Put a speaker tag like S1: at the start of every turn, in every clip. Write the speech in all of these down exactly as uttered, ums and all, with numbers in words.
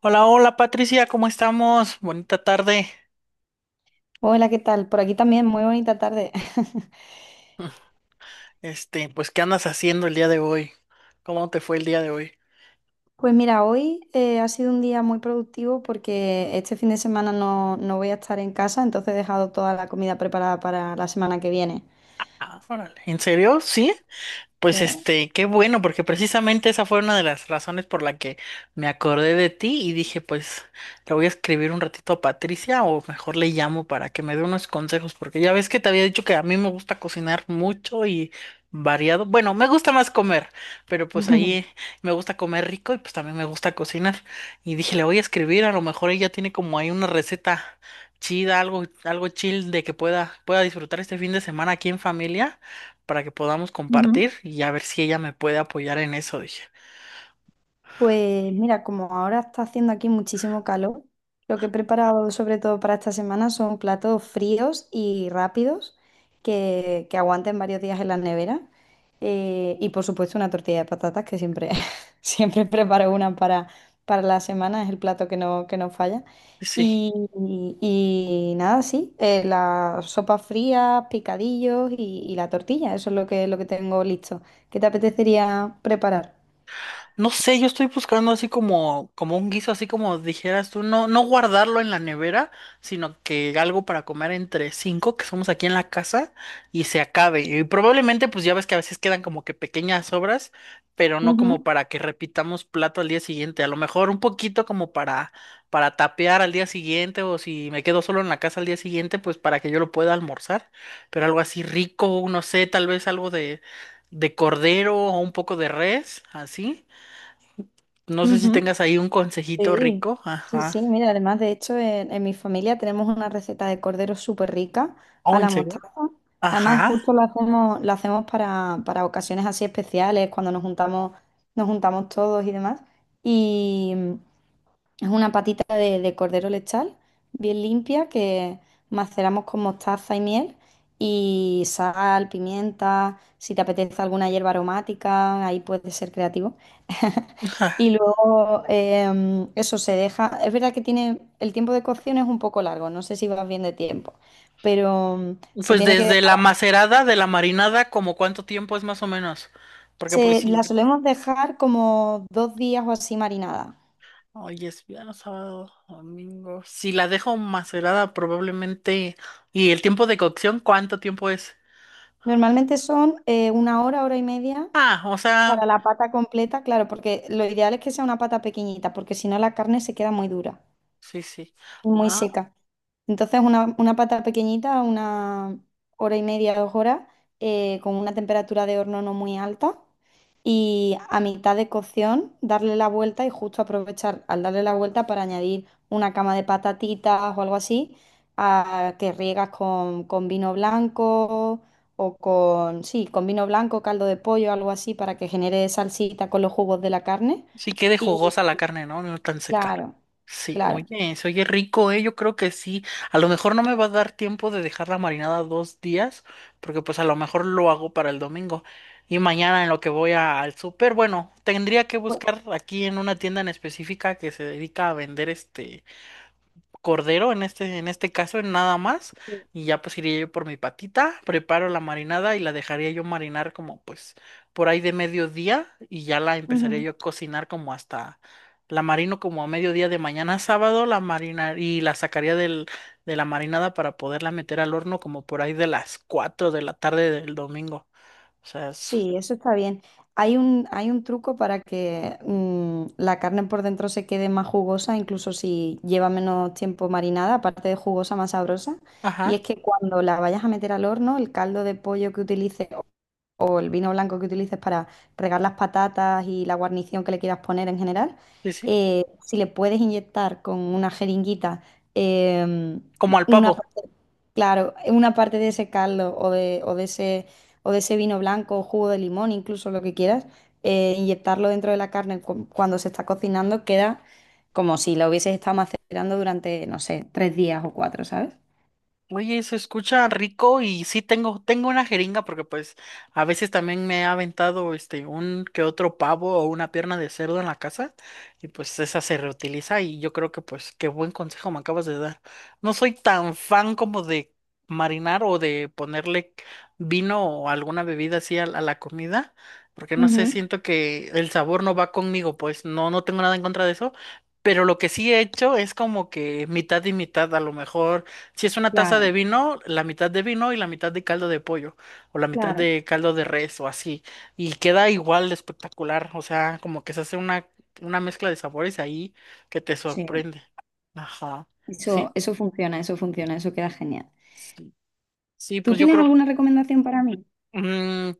S1: Hola, hola Patricia, ¿cómo estamos? Bonita tarde.
S2: Hola, ¿qué tal? Por aquí también, muy bonita tarde.
S1: Este, pues, ¿qué andas haciendo el día de hoy? ¿Cómo te fue el día de hoy?
S2: Pues mira, hoy eh, ha sido un día muy productivo porque este fin de semana no, no voy a estar en casa, entonces he dejado toda la comida preparada para la semana que viene.
S1: Ah, órale. ¿En serio? ¿Sí? Pues
S2: Oh.
S1: este, qué bueno, porque precisamente esa fue una de las razones por la que me acordé de ti y dije, pues le voy a escribir un ratito a Patricia o mejor le llamo para que me dé unos consejos, porque ya ves que te había dicho que a mí me gusta cocinar mucho y variado. Bueno, me gusta más comer, pero pues ahí me gusta comer rico y pues también me gusta cocinar. Y dije, le voy a escribir, a lo mejor ella tiene como ahí una receta chida, algo, algo chill de que pueda, pueda disfrutar este fin de semana aquí en familia para que podamos
S2: Ujú.
S1: compartir y a ver si ella me puede apoyar en eso, dije.
S2: Pues mira, como ahora está haciendo aquí muchísimo calor, lo que he preparado sobre todo para esta semana son platos fríos y rápidos que, que aguanten varios días en la nevera. Eh, y por supuesto una tortilla de patatas que siempre, siempre preparo una para, para la semana, es el plato que no, que no falla.
S1: Sí.
S2: Y, y- y nada, sí, eh, las sopas frías, picadillos y, y la tortilla, eso es lo que, lo que tengo listo. ¿Qué te apetecería preparar?
S1: No sé, yo estoy buscando así como, como un guiso, así como dijeras tú, no, no guardarlo en la nevera, sino que algo para comer entre cinco que somos aquí en la casa y se acabe. Y probablemente, pues ya ves que a veces quedan como que pequeñas sobras, pero no como
S2: Ujú,
S1: para que repitamos plato al día siguiente. A lo mejor un poquito como para, para tapear al día siguiente, o si me quedo solo en la casa al día siguiente, pues para que yo lo pueda almorzar. Pero algo así rico, no sé, tal vez algo de, de cordero o un poco de res, así. No sé si
S2: ujú.
S1: tengas ahí un consejito
S2: Sí,
S1: rico.
S2: sí,
S1: Ajá.
S2: sí, mira, además de hecho en, en mi familia tenemos una receta de cordero súper rica a
S1: Oh, ¿en
S2: la
S1: serio?
S2: mostaza. Además
S1: Ajá.
S2: justo la hacemos, la hacemos para, para ocasiones así especiales, cuando nos juntamos, nos juntamos todos y demás. Es una patita de, de cordero lechal, bien limpia, que maceramos con mostaza y miel y sal, pimienta, si te apetece alguna hierba aromática, ahí puedes ser creativo.
S1: Ajá.
S2: Y luego em, eso se deja. Es verdad que tiene el tiempo de cocción es un poco largo, no sé si vas bien de tiempo, pero mm, se
S1: Pues
S2: tiene que
S1: desde la
S2: dejar.
S1: macerada de la marinada, como cuánto tiempo es más o menos? Porque pues
S2: Se-
S1: sí.
S2: la solemos dejar como dos días o así marinada.
S1: Hoy es viernes, sábado, domingo. Si la dejo macerada, probablemente. ¿Y el tiempo de cocción, cuánto tiempo es?
S2: Normalmente son eh, una hora, hora y media.
S1: Ah, o
S2: Para
S1: sea,
S2: la pata completa, claro, porque lo ideal es que sea una pata pequeñita, porque si no la carne se queda muy dura
S1: sí, sí.
S2: y muy
S1: Ah,
S2: seca. Entonces, una, una pata pequeñita, una hora y media, dos horas, eh, con una temperatura de horno no muy alta. Y a mitad de cocción, darle la vuelta y justo aprovechar al darle la vuelta para añadir una cama de patatitas o algo así, a, que riegas con, con vino blanco o con, sí, con vino blanco, caldo de pollo, algo así, para que genere salsita con los jugos de la carne.
S1: sí quede
S2: Y
S1: jugosa la carne, ¿no? No tan seca.
S2: claro,
S1: Sí,
S2: claro.
S1: oye, se oye rico, eh. Yo creo que sí. A lo mejor no me va a dar tiempo de dejarla marinada dos días, porque pues a lo mejor lo hago para el domingo. Y mañana en lo que voy a- al súper, bueno, tendría que
S2: Pues,
S1: buscar aquí en una tienda en específica que se dedica a vender este cordero en este, en este caso, en nada más, y ya pues iría yo por mi patita, preparo la marinada y la dejaría yo marinar como pues por ahí de mediodía y ya la empezaría
S2: sí.
S1: yo a cocinar como hasta la marino como a mediodía de mañana sábado, la marinar y la sacaría del, de la marinada para poderla meter al horno como por ahí de las cuatro de la tarde del domingo. O sea, es...
S2: Sí, eso está bien. Hay un, hay un truco para que mm, la carne por dentro se quede más jugosa, incluso si lleva menos tiempo marinada, aparte de jugosa, más sabrosa. Y
S1: Ajá,
S2: es que cuando la vayas a meter al horno, el caldo de pollo que utilices o el vino blanco que utilices para regar las patatas y la guarnición que le quieras poner en general,
S1: sí, sí,
S2: eh, si le puedes inyectar con una jeringuita em,
S1: como al
S2: una
S1: pavo.
S2: parte, claro, una parte de ese caldo o de, o de ese, o de ese vino blanco o jugo de limón, incluso lo que quieras, eh, inyectarlo dentro de la carne cu- cuando se está cocinando, queda como si lo hubieses estado macerando durante, no sé, tres días o cuatro, ¿sabes?
S1: Oye, se escucha rico y sí tengo, tengo una jeringa porque pues a veces también me ha aventado este un que otro pavo o una pierna de cerdo en la casa y pues esa se reutiliza y yo creo que pues qué buen consejo me acabas de dar. No soy tan fan como de marinar o de ponerle vino o alguna bebida así a, a la comida porque no sé,
S2: Ujú.
S1: siento que el sabor no va conmigo, pues no, no tengo nada en contra de eso. Pero lo que sí he hecho es como que mitad y mitad, a lo mejor si es una taza de
S2: Claro,
S1: vino, la mitad de vino y la mitad de caldo de pollo, o la mitad
S2: claro,
S1: de caldo de res, o así. Y queda igual de espectacular. O sea, como que se hace una, una mezcla de sabores ahí que te
S2: sí.
S1: sorprende. Ajá.
S2: Eso,
S1: Sí,
S2: eso funciona, eso funciona, eso queda genial.
S1: sí. Sí,
S2: ¿Tú
S1: pues yo
S2: tienes
S1: creo.
S2: alguna recomendación para mí?
S1: mm,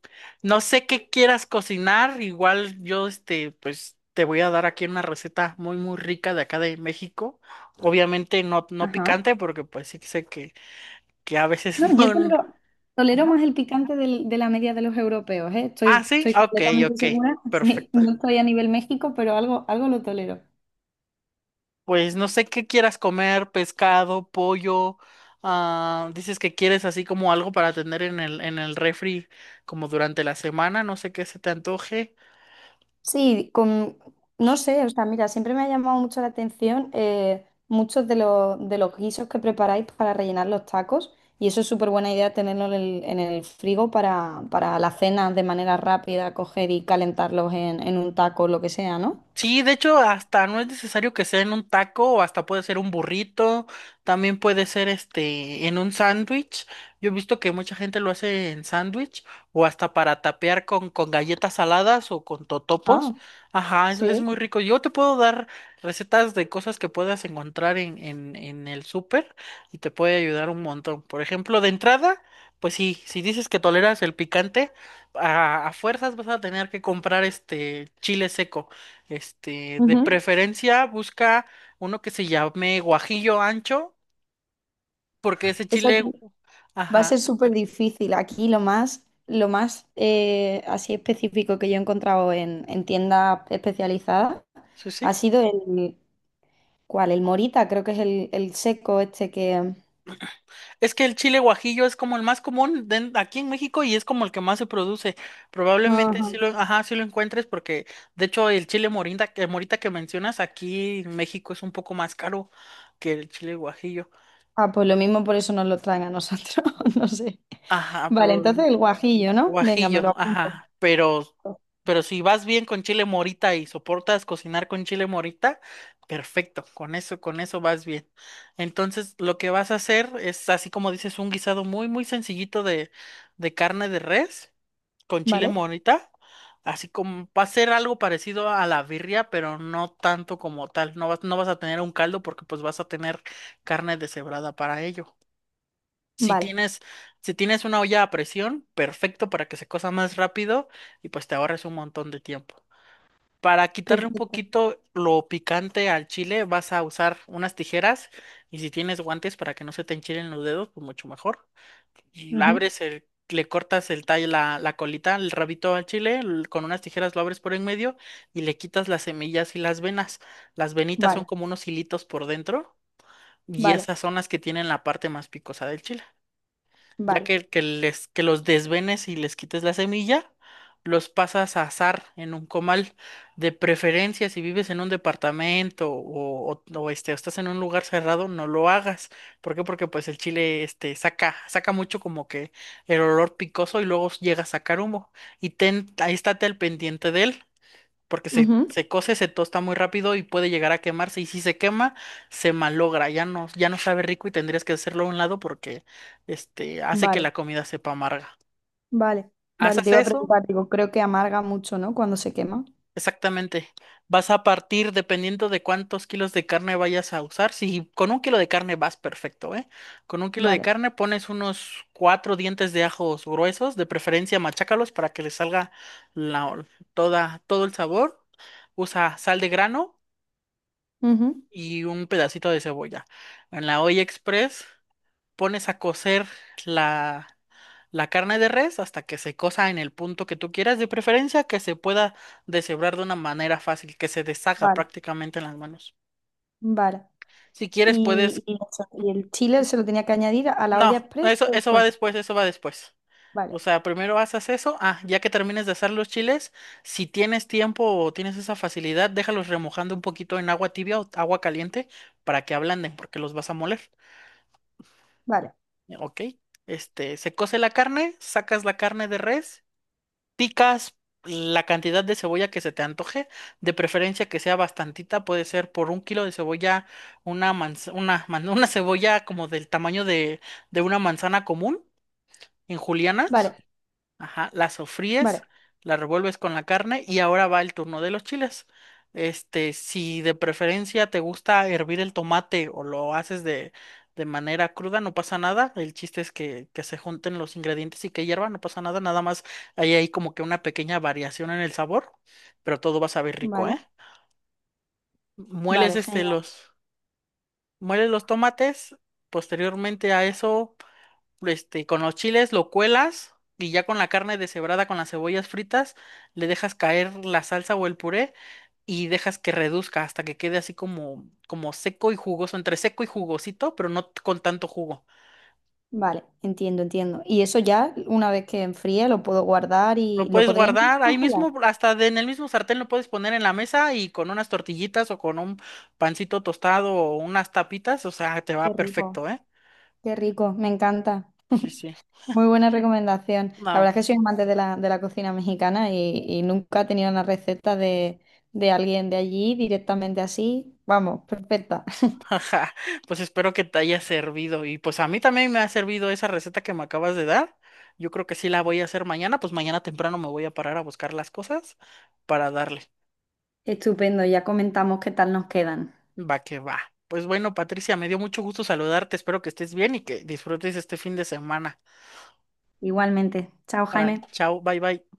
S1: no sé qué quieras cocinar. Igual yo, este, pues te voy a dar aquí una receta muy, muy rica de acá de México. Obviamente no, no
S2: Ajá.
S1: picante, porque pues sí que sé que, que a veces
S2: No, yo
S1: no.
S2: tolero, tolero más el picante del- de la media de los europeos, ¿eh? Estoy,
S1: Ah, sí,
S2: estoy
S1: ok,
S2: completamente
S1: ok,
S2: segura. Sí,
S1: perfecto.
S2: no estoy a nivel México, pero algo, algo lo tolero.
S1: Pues no sé qué quieras comer, pescado, pollo. Ah, dices que quieres así como algo para tener en el, en el refri como durante la semana, no sé qué se te antoje.
S2: Sí, con, no sé, o sea, mira, siempre me ha llamado mucho la atención eh, muchos de los, de los guisos que preparáis para rellenar los tacos y eso es súper buena idea tenerlo en el, en el frigo para, para las cenas de manera rápida, coger y calentarlos en, en un taco, o lo que sea, ¿no?
S1: Sí, de hecho, hasta no es necesario que sea en un taco, o hasta puede ser un burrito, también puede ser este en un sándwich. Yo he visto que mucha gente lo hace en sándwich, o hasta para tapear con, con galletas saladas o con
S2: Ah,
S1: totopos. Ajá, es, es
S2: sí.
S1: muy rico. Yo te puedo dar recetas de cosas que puedas encontrar en, en, en el súper y te puede ayudar un montón. Por ejemplo, de entrada, pues sí, si dices que toleras el picante, a, a fuerzas vas a tener que comprar este chile seco. Este, de
S2: Ujú.
S1: preferencia busca uno que se llame guajillo ancho, porque ese
S2: Eso
S1: chile,
S2: aquí va a
S1: ajá,
S2: ser súper difícil. Aquí lo más, lo más eh, así específico que yo he encontrado en, en tiendas especializadas
S1: sí, sí.
S2: ha sido el, ¿Cuál? El morita, creo que es el, el seco este que...
S1: Es que el chile guajillo es como el más común den- aquí en México y es como el que más se produce. Probablemente sí
S2: Ajá.
S1: lo, ajá, sí lo encuentres porque de hecho el chile morinda, que morita que mencionas aquí en México es un poco más caro que el chile guajillo.
S2: Ah, pues lo mismo por eso nos lo traen a nosotros, no sé.
S1: Ajá,
S2: Vale, entonces el
S1: probablemente.
S2: guajillo, ¿no? Venga, me lo
S1: Guajillo,
S2: apunto.
S1: ajá, pero, pero si vas bien con chile morita y soportas cocinar con chile morita, perfecto, con eso, con eso vas bien. Entonces, lo que vas a hacer es, así como dices, un guisado muy, muy sencillito de, de carne de res con chile
S2: ¿Vale?
S1: morita, así como va a ser algo parecido a la birria, pero no tanto como tal. No vas, no vas a tener un caldo porque pues vas a tener carne deshebrada para ello. Si
S2: Vale,
S1: tienes, si tienes una olla a presión, perfecto para que se cosa más rápido y pues te ahorres un montón de tiempo. Para quitarle un
S2: perfecto.
S1: poquito lo picante al chile, vas a usar unas tijeras y si tienes guantes para que no se te enchilen los dedos, pues mucho mejor. Y
S2: Ujú.
S1: abres el, le cortas el tallo, la, la colita, el rabito al chile, l- con unas tijeras lo abres por en medio y le quitas las semillas y las venas. Las venitas son
S2: Vale,
S1: como unos hilitos por dentro y
S2: vale,
S1: esas son las que tienen la parte más picosa del chile. Ya
S2: vale.
S1: que, que les, que los desvenes y les quites la semilla, los pasas a asar en un comal. De preferencia, si vives en un departamento o, o- o, este, o estás en un lugar cerrado, no lo hagas. ¿Por qué? Porque pues el chile este, saca, saca mucho como que el olor picoso y luego llega a sacar humo. Y ten, ahí estate al pendiente de él porque se,
S2: Ujú.
S1: se cose, se tosta muy rápido y puede llegar a quemarse. Y si se quema, se malogra, ya no, ya no sabe rico y tendrías que hacerlo a un lado porque este, hace que
S2: Vale,
S1: la comida sepa amarga.
S2: vale, vale. Te
S1: ¿Haces
S2: iba a
S1: eso?
S2: preguntar, digo, creo que amarga mucho, ¿no? Cuando se quema.
S1: Exactamente. Vas a partir dependiendo de cuántos kilos de carne vayas a usar. Si con un kilo de carne vas perfecto, ¿eh? Con un kilo de
S2: Vale.
S1: carne pones unos cuatro dientes de ajos gruesos, de preferencia machácalos para que le salga la- toda, todo el sabor. Usa sal de grano
S2: Ujú.
S1: y un pedacito de cebolla. En la olla express pones a cocer la, la carne de res hasta que se cosa en el punto que tú quieras, de preferencia que se pueda deshebrar de una manera fácil, que se deshaga
S2: Vale,
S1: prácticamente en las manos.
S2: vale.
S1: Si quieres, puedes...
S2: Y, y eso, y el chile se lo tenía que añadir a la olla
S1: No,
S2: express
S1: eso,
S2: o
S1: eso va
S2: después.
S1: después, eso va después. O
S2: Vale,
S1: sea, primero haces eso. Ah, ya que termines de hacer los chiles, si tienes tiempo o tienes esa facilidad, déjalos remojando un poquito en agua tibia o agua caliente para que ablanden, porque los vas a moler.
S2: vale,
S1: Ok, este, se cose la carne, sacas la carne de res, picas la cantidad de cebolla que se te antoje, de preferencia que sea bastantita, puede ser por un kilo de cebolla, una manz- una, man- una cebolla como del tamaño de, de una manzana común en julianas.
S2: vale,
S1: Ajá, la
S2: vale,
S1: sofríes, la revuelves con la carne y ahora va el turno de los chiles. Este, si de preferencia te gusta hervir el tomate o lo haces de, de manera cruda, no pasa nada. El chiste es que, que se junten los ingredientes y que hierva, no pasa nada. Nada más hay ahí como que una pequeña variación en el sabor, pero todo va a saber rico, ¿eh?
S2: vale.
S1: Mueles
S2: Vale,
S1: este
S2: genial.
S1: los, mueles los tomates, posteriormente a eso este, con los chiles lo cuelas y ya con la carne deshebrada con las cebollas fritas le dejas caer la salsa o el puré y dejas que reduzca hasta que quede así como, como seco y jugoso, entre seco y jugosito, pero no t- con tanto jugo.
S2: Vale, entiendo, entiendo. Y eso ya, una vez que enfríe, lo puedo guardar y
S1: Lo
S2: lo
S1: puedes
S2: podría incluso
S1: guardar ahí
S2: congelar.
S1: mismo, hasta de- en el mismo sartén lo puedes poner en la mesa y con unas tortillitas o con un pancito tostado o unas tapitas, o sea, te
S2: Qué
S1: va
S2: rico.
S1: perfecto, ¿eh?
S2: Qué rico, me encanta.
S1: Sí, sí.
S2: Muy buena recomendación. La
S1: No,
S2: verdad es que soy
S1: pues
S2: amante de la, de la cocina mexicana y, y nunca he tenido una receta de, de alguien de allí directamente así. Vamos, perfecta.
S1: Ajá, pues espero que te haya servido y pues a mí también me ha servido esa receta que me acabas de dar. Yo creo que sí la voy a hacer mañana, pues mañana temprano me voy a parar a buscar las cosas para darle.
S2: Estupendo, ya comentamos qué tal nos quedan.
S1: Va que va. Pues bueno, Patricia, me dio mucho gusto saludarte. Espero que estés bien y que disfrutes este fin de semana.
S2: Igualmente. Chao,
S1: Ahora,
S2: Jaime.
S1: chao, bye bye.